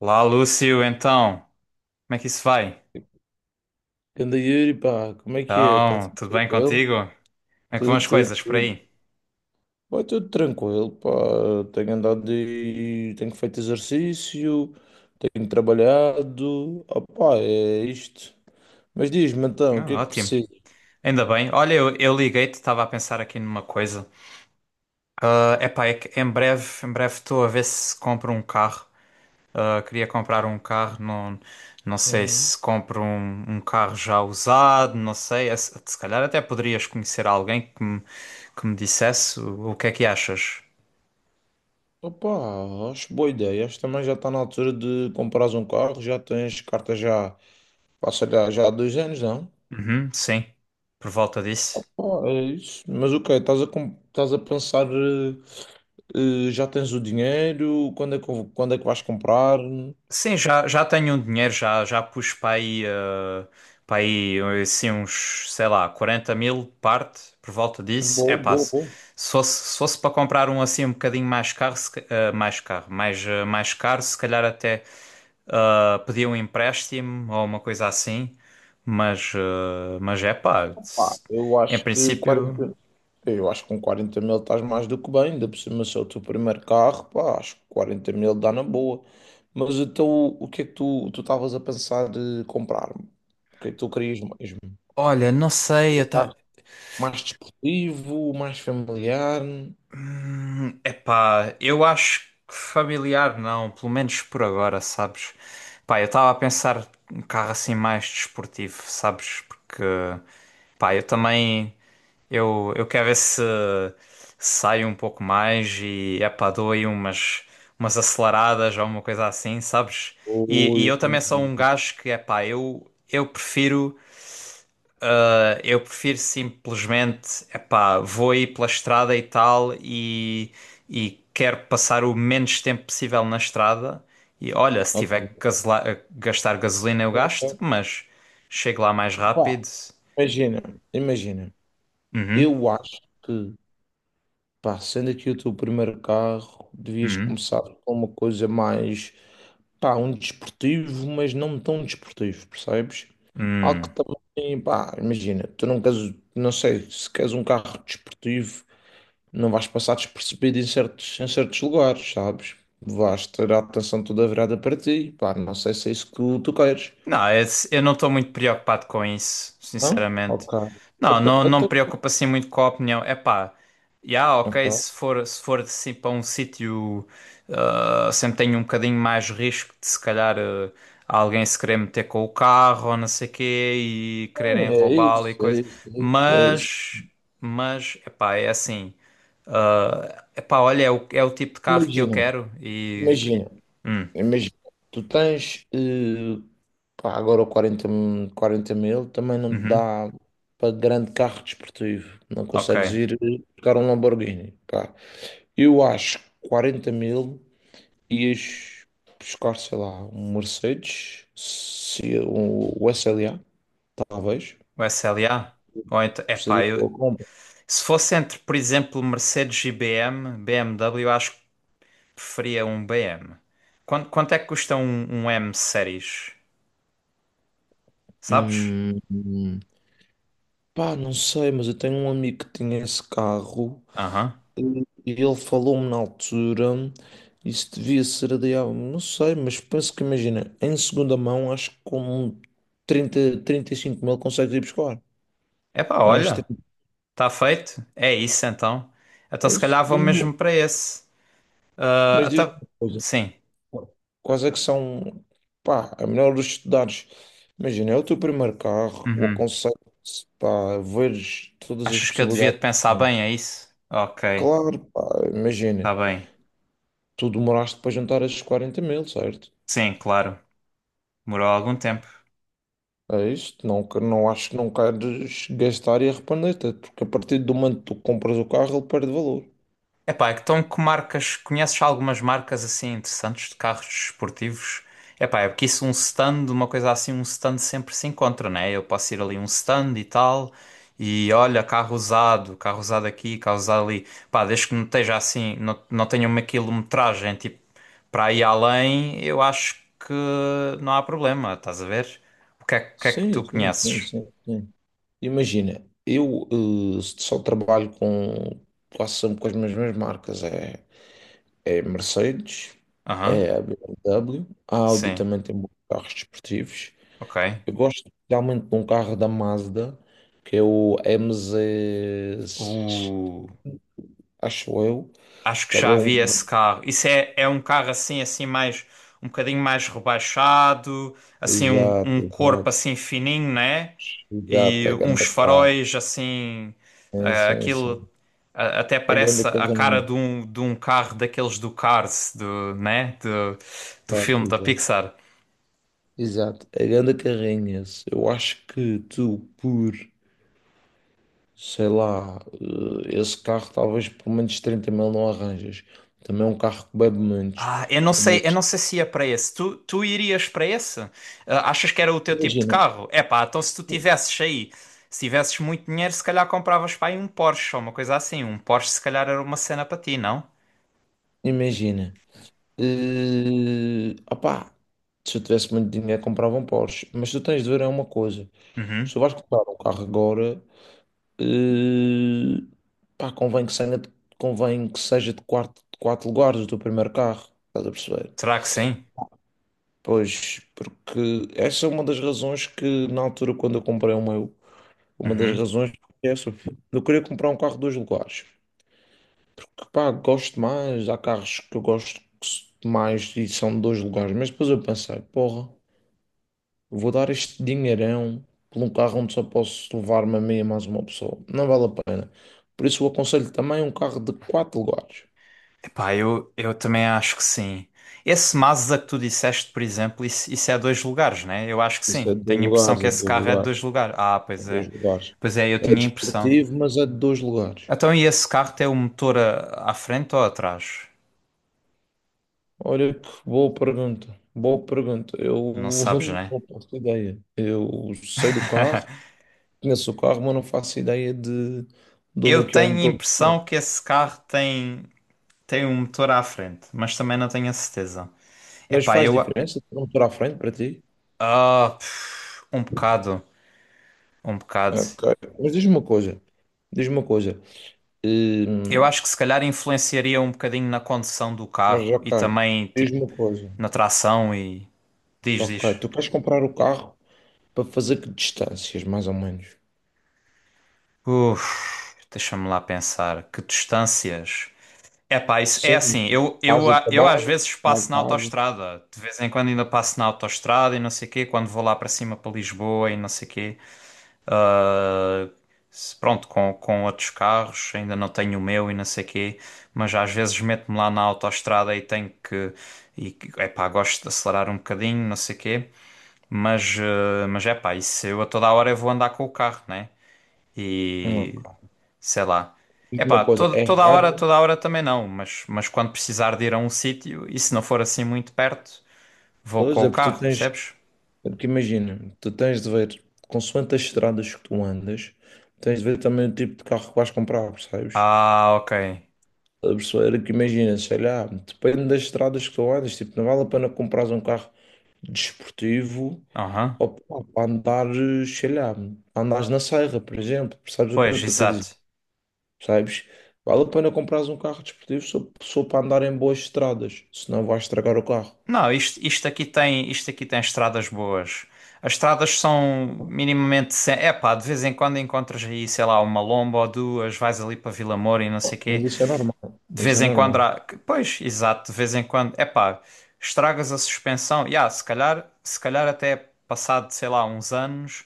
Lá, Lúcio, então, como é que isso vai? Ganda Yuri, pá, como é que é? Está Então, tudo tudo bem tranquilo? contigo? Como é que vão Tudo, as tudo, coisas por tudo. aí? Vai tudo tranquilo, pá. Tenho andado e tenho feito exercício, tenho trabalhado. Opá, é isto. Mas diz-me então, o que é Ah, que ótimo, precisas? ainda bem. Olha, eu liguei-te, estava a pensar aqui numa coisa. Ah, epá, é que em breve estou a ver se compro um carro. Ah, queria comprar um carro, não sei Hum. se compro um carro já usado, não sei. É. Se se calhar até poderias conhecer alguém que que me dissesse o que é que achas. Opá, acho boa ideia. Acho que também já está na altura de comprares um carro. Já tens carta já, pá, sei lá, já há 2 anos, não? Uhum, sim, por volta disso. Ah, é isso. Mas o quê? Estás a pensar, já tens o dinheiro? Quando é que vais comprar? Sim, já tenho um dinheiro, já pus para aí, para aí assim, uns, sei lá, 40 mil parte por volta disso. É Boa, pá, boa, se boa. se fosse, se fosse para comprar um assim um bocadinho mais caro, se ca- eh, mais caro, mais caro, se calhar até pedir um empréstimo ou uma coisa assim. Mas, mas é pá, Pá, se- eu em acho que princípio, 40. Eu acho que com 40.000 estás mais do que bem, ainda por cima se é o teu primeiro carro, pá, acho que 40.000 dá na boa. Mas então o que é que tu estavas a pensar de comprar? O que é que tu querias mesmo? olha, não sei, eu Um ta-. carro mais desportivo, mais familiar? Epá, eu acho que familiar não, pelo menos por agora, sabes? Pá, eu estava a pensar um carro assim mais desportivo, sabes? Porque, pá, eu também, eu quero ver se saio um pouco mais e, epá, dou aí umas, umas aceleradas ou uma coisa assim, sabes? E Ui, eu ui, também sou ui. um gajo que, epá, eu prefiro. Eu prefiro simplesmente, epá, vou aí pela estrada e tal e quero passar o menos tempo possível na estrada. E olha, se Ok. tiver que gastar gasolina eu gasto, mas chego lá mais Pá, rápido. imagina, imagina. Uhum, Eu acho que, pá, sendo aqui o teu primeiro carro, devias uhum, começar com uma coisa mais, pá, um desportivo, mas não tão desportivo, percebes? Algo que uhum. também, pá, imagina, tu não queres, não sei, se queres um carro desportivo, não vais passar despercebido em certos lugares, sabes? Vais ter a atenção toda virada para ti, pá, não sei se é isso que tu queres. Não, esse- eu não estou muito preocupado com isso, Não? sinceramente. Ok. Não, Até, não, não me até, preocupa assim muito com a opinião. É pá, já, ok, ok. se for assim para um sítio, ah, sempre tenho um bocadinho mais risco de se calhar ah, alguém se querer meter com o carro ou não sei quê e quererem É roubá-lo e isso, é coisa. isso, é isso, é isso. Mas, mas, é pá, é assim. É epá, olha, é é o tipo de carro que eu Imagina, quero e. imagina, Hum, imagina. Tu tens, pá, agora o 40 mil também não te uhum, dá para grande carro desportivo. Não ok. consegues ir buscar um Lamborghini, pá. Eu acho que 40 mil ias buscar, sei lá, um Mercedes, se, um, o S L A talvez. O SLA? Ou então, epá, Seria eu, boa compra. se fosse entre, por exemplo, Mercedes e BM, BMW, eu acho que preferia um BM. Quanto é que custa um M Series? Sabes? Hum, hum. Pá, não sei, mas eu tenho um amigo que tinha esse carro. Aham. E ele falou-me na altura, isso devia ser adiado, não sei, mas penso que imagina, em segunda mão, acho que com um trinta, 35.000 consegues ir buscar. Epá, Não é olha, extremo. está feito. É isso então. Então É se isso? calhar vou Diz-me, mesmo para esse. Ah, mas diz-me até, uma coisa. sim. Quais é que são, pá, a melhor dos estudares? Imagina, é o teu primeiro carro, o Uhum. aconselho, pá, veres todas as Achas que eu devia de possibilidades. pensar bem, é isso? Ok, Claro, pá, imagina, está bem. tu demoraste para juntar esses 40.000, certo? Sim, claro. Demorou algum tempo. É isto, não, não acho que não queres gastar e arrepender-te, é porque a partir do momento que tu compras o carro, ele perde valor. Epá, então que marcas, conheces algumas marcas assim interessantes de carros desportivos? Epá, é porque isso um stand, uma coisa assim, um stand sempre se encontra, né? Eu posso ir ali um stand e tal, e olha, carro usado aqui, carro usado ali. Pá, desde que não esteja assim, não tenha uma quilometragem, tipo, para ir além, eu acho que não há problema, estás a ver? O que é que tu Sim, sim, sim, conheces? sim, sim. Imagina, eu só trabalho com quase sempre com as mesmas marcas, é Mercedes, Aham, é a BMW, a Audi sim, também tem bons carros desportivos. ok. Eu gosto especialmente de um carro da Mazda, que é o MZ, acho eu, Acho que também já é vi esse um... carro. É um carro assim, assim mais um bocadinho mais rebaixado, assim um Exato, corpo exato. assim fininho, né? Exato, E uns pegando a carro. faróis assim, Sim, sim, aquilo sim. a- até Pegando o parece a cara de carrinho. De um carro daqueles do Cars, do, né? Do, do Exato, filme da exato. Pixar. Exato, pegando a carrinha. Eu acho que tu, sei lá, esse carro talvez por menos 30 mil não arranjas. Também é um carro que bebe menos. Ah, eu Mas não sei se ia para esse. Tu irias para esse? Ah, achas que era o teu tipo de imagina, carro? É pá, então se tu tivesses aí, se tivesses muito dinheiro, se calhar compravas para aí um Porsche ou uma coisa assim. Um Porsche se calhar era uma cena para ti, não? imagina. Opá, se eu tivesse muito dinheiro comprava um Porsche. Mas tu tens de ver é uma coisa. Se Uhum. tu vais comprar um carro agora, Eh, pá, convém que seja de quatro lugares do primeiro carro, estás a perceber? Será que sim? Pois, porque essa é uma das razões que, na altura, quando eu comprei o meu, uma das Uhum. razões é essa. Eu queria comprar um carro de dois lugares, porque, pá, gosto mais, há carros que eu gosto mais e são de dois lugares, mas depois eu pensei, porra. Vou dar este dinheirão por um carro onde só posso levar-me a mim e mais uma pessoa. Não vale a pena. Por isso, eu aconselho também um carro de quatro lugares. Epá, eu também acho que sim. Esse Mazda que tu disseste, por exemplo, isso é dois lugares, né? Eu acho que Isso é sim. de dois Tenho a impressão lugares, que é de esse dois carro é de lugares, dois lugares. Ah, é pois de é. dois lugares. Pois é, eu É tinha a impressão. desportivo, mas é de dois lugares. Então, e esse carro tem o motor a- à frente ou atrás? Olha que boa pergunta. Boa pergunta. Eu Não sabes, né? não faço ideia. Eu sei do carro, conheço o carro, mas não faço ideia de onde é Eu que é o tenho a motor do impressão carro. que esse carro tem um motor à frente, mas também não tenho a certeza. Mas Epá, faz eu. a-. diferença ter um motor à frente para ti? Ah, pff, um bocado, um bocado. Ok. Mas diz-me uma coisa. Diz-me uma coisa. Hum, Eu acho que se calhar influenciaria um bocadinho na condução do mas carro e ok. também, tipo, Diz-me uma coisa. na tração e. Diz, Ok. diz. Tu queres comprar o carro para fazer que distâncias, mais ou menos? Uf, deixa-me lá pensar. Que distâncias. É, pá, isso é Sim. assim, Casa, eu às trabalho, vezes passo mal na casa. autoestrada, de vez em quando ainda passo na autoestrada e não sei quê, quando vou lá para cima para Lisboa e não sei quê, ah, se- pronto, com outros carros, ainda não tenho o meu e não sei quê, mas às vezes meto-me lá na autoestrada e tenho que, e, é pá, gosto de acelerar um bocadinho, não sei quê, mas, ah, mas é pá, isso eu a toda hora eu vou andar com o carro, né? Ok. Sei lá. Diz-me uma Epá, coisa. É raro toda a hora também não, mas quando precisar de ir a um sítio, e se não for assim muito perto, vou com hoje, o é porque tu carro, tens. percebes? É porque imagina, tu tens de ver, consoante as estradas que tu andas, tens de ver também o tipo de carro que vais comprar, percebes? Ah, ok. A pessoa era que imagina, sei lá, depende das estradas que tu andas, tipo, não vale a pena comprares um carro desportivo, Aham. ou pá, para andar, sei lá, andares na serra, por exemplo, percebes o que eu Pois, estou a dizer? exato. Percebes? Vale a pena comprares um carro desportivo só, só para andar em boas estradas, senão vais estragar o carro. Não, isto aqui tem estradas boas. As estradas são minimamente sem... Epá, de vez em quando encontras aí, sei lá, uma lomba ou duas, vais ali para Vila Moura e não sei Mas quê. isso é normal, De isso vez é em quando normal. há... Pois, exato, de vez em quando. Epá, estragas a suspensão. Ya, se calhar até passado, sei lá, uns anos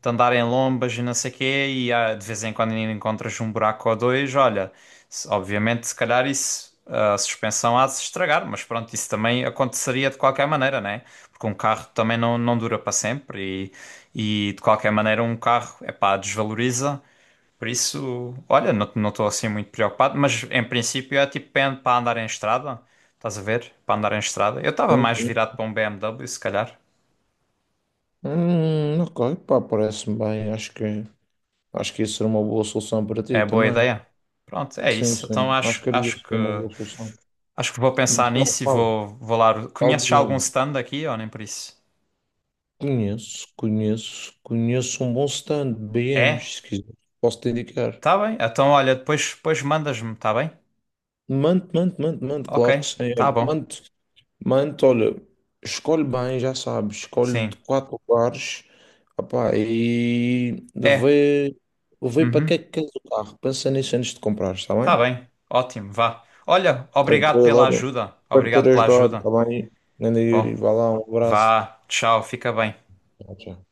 de andar em lombas e não sei quê, e ah, de vez em quando ainda encontras um buraco ou dois, olha, se- obviamente se calhar isso, a suspensão há de se estragar, mas pronto, isso também aconteceria de qualquer maneira, né? Porque um carro também não dura para sempre e de qualquer maneira um carro, epá, desvaloriza. Por isso, olha, não estou assim muito preocupado, mas em princípio é tipo para andar em estrada, estás a ver? Para andar em estrada. Eu estava Sim, mais sim. virado para um BMW, se calhar. Ok, pá, parece-me bem. Acho que isso era uma boa solução para ti É boa também. ideia. Pronto, é Sim, isso. Então sim, acho acho, que era acho isso, que uma boa solução. acho que vou Mas pensar qual, nisso e qual, vou, vou lá. qual Conheces já algum DM? stand aqui ou nem por isso? Conheço um bom stand, É? BMs, se quiser, posso te indicar. Tá bem. Então olha, depois mandas-me, tá bem? Ok, Claro que sim. Olha, tá bom. Olha, escolhe bem, já sabes, escolhe de Sim. quatro lugares, opá, e É. vê para que é Uhum. que queres o carro, pensa nisso antes de comprar, está Tá bem? bem. Ótimo, vá. Olha, obrigado Tranquilo, pela olha, ajuda. espero ter Obrigado pela ajudado, ajuda. está bem? Grande Bom. Yuri, vá lá, um abraço. Vá, tchau, fica bem. Tchau, tchau.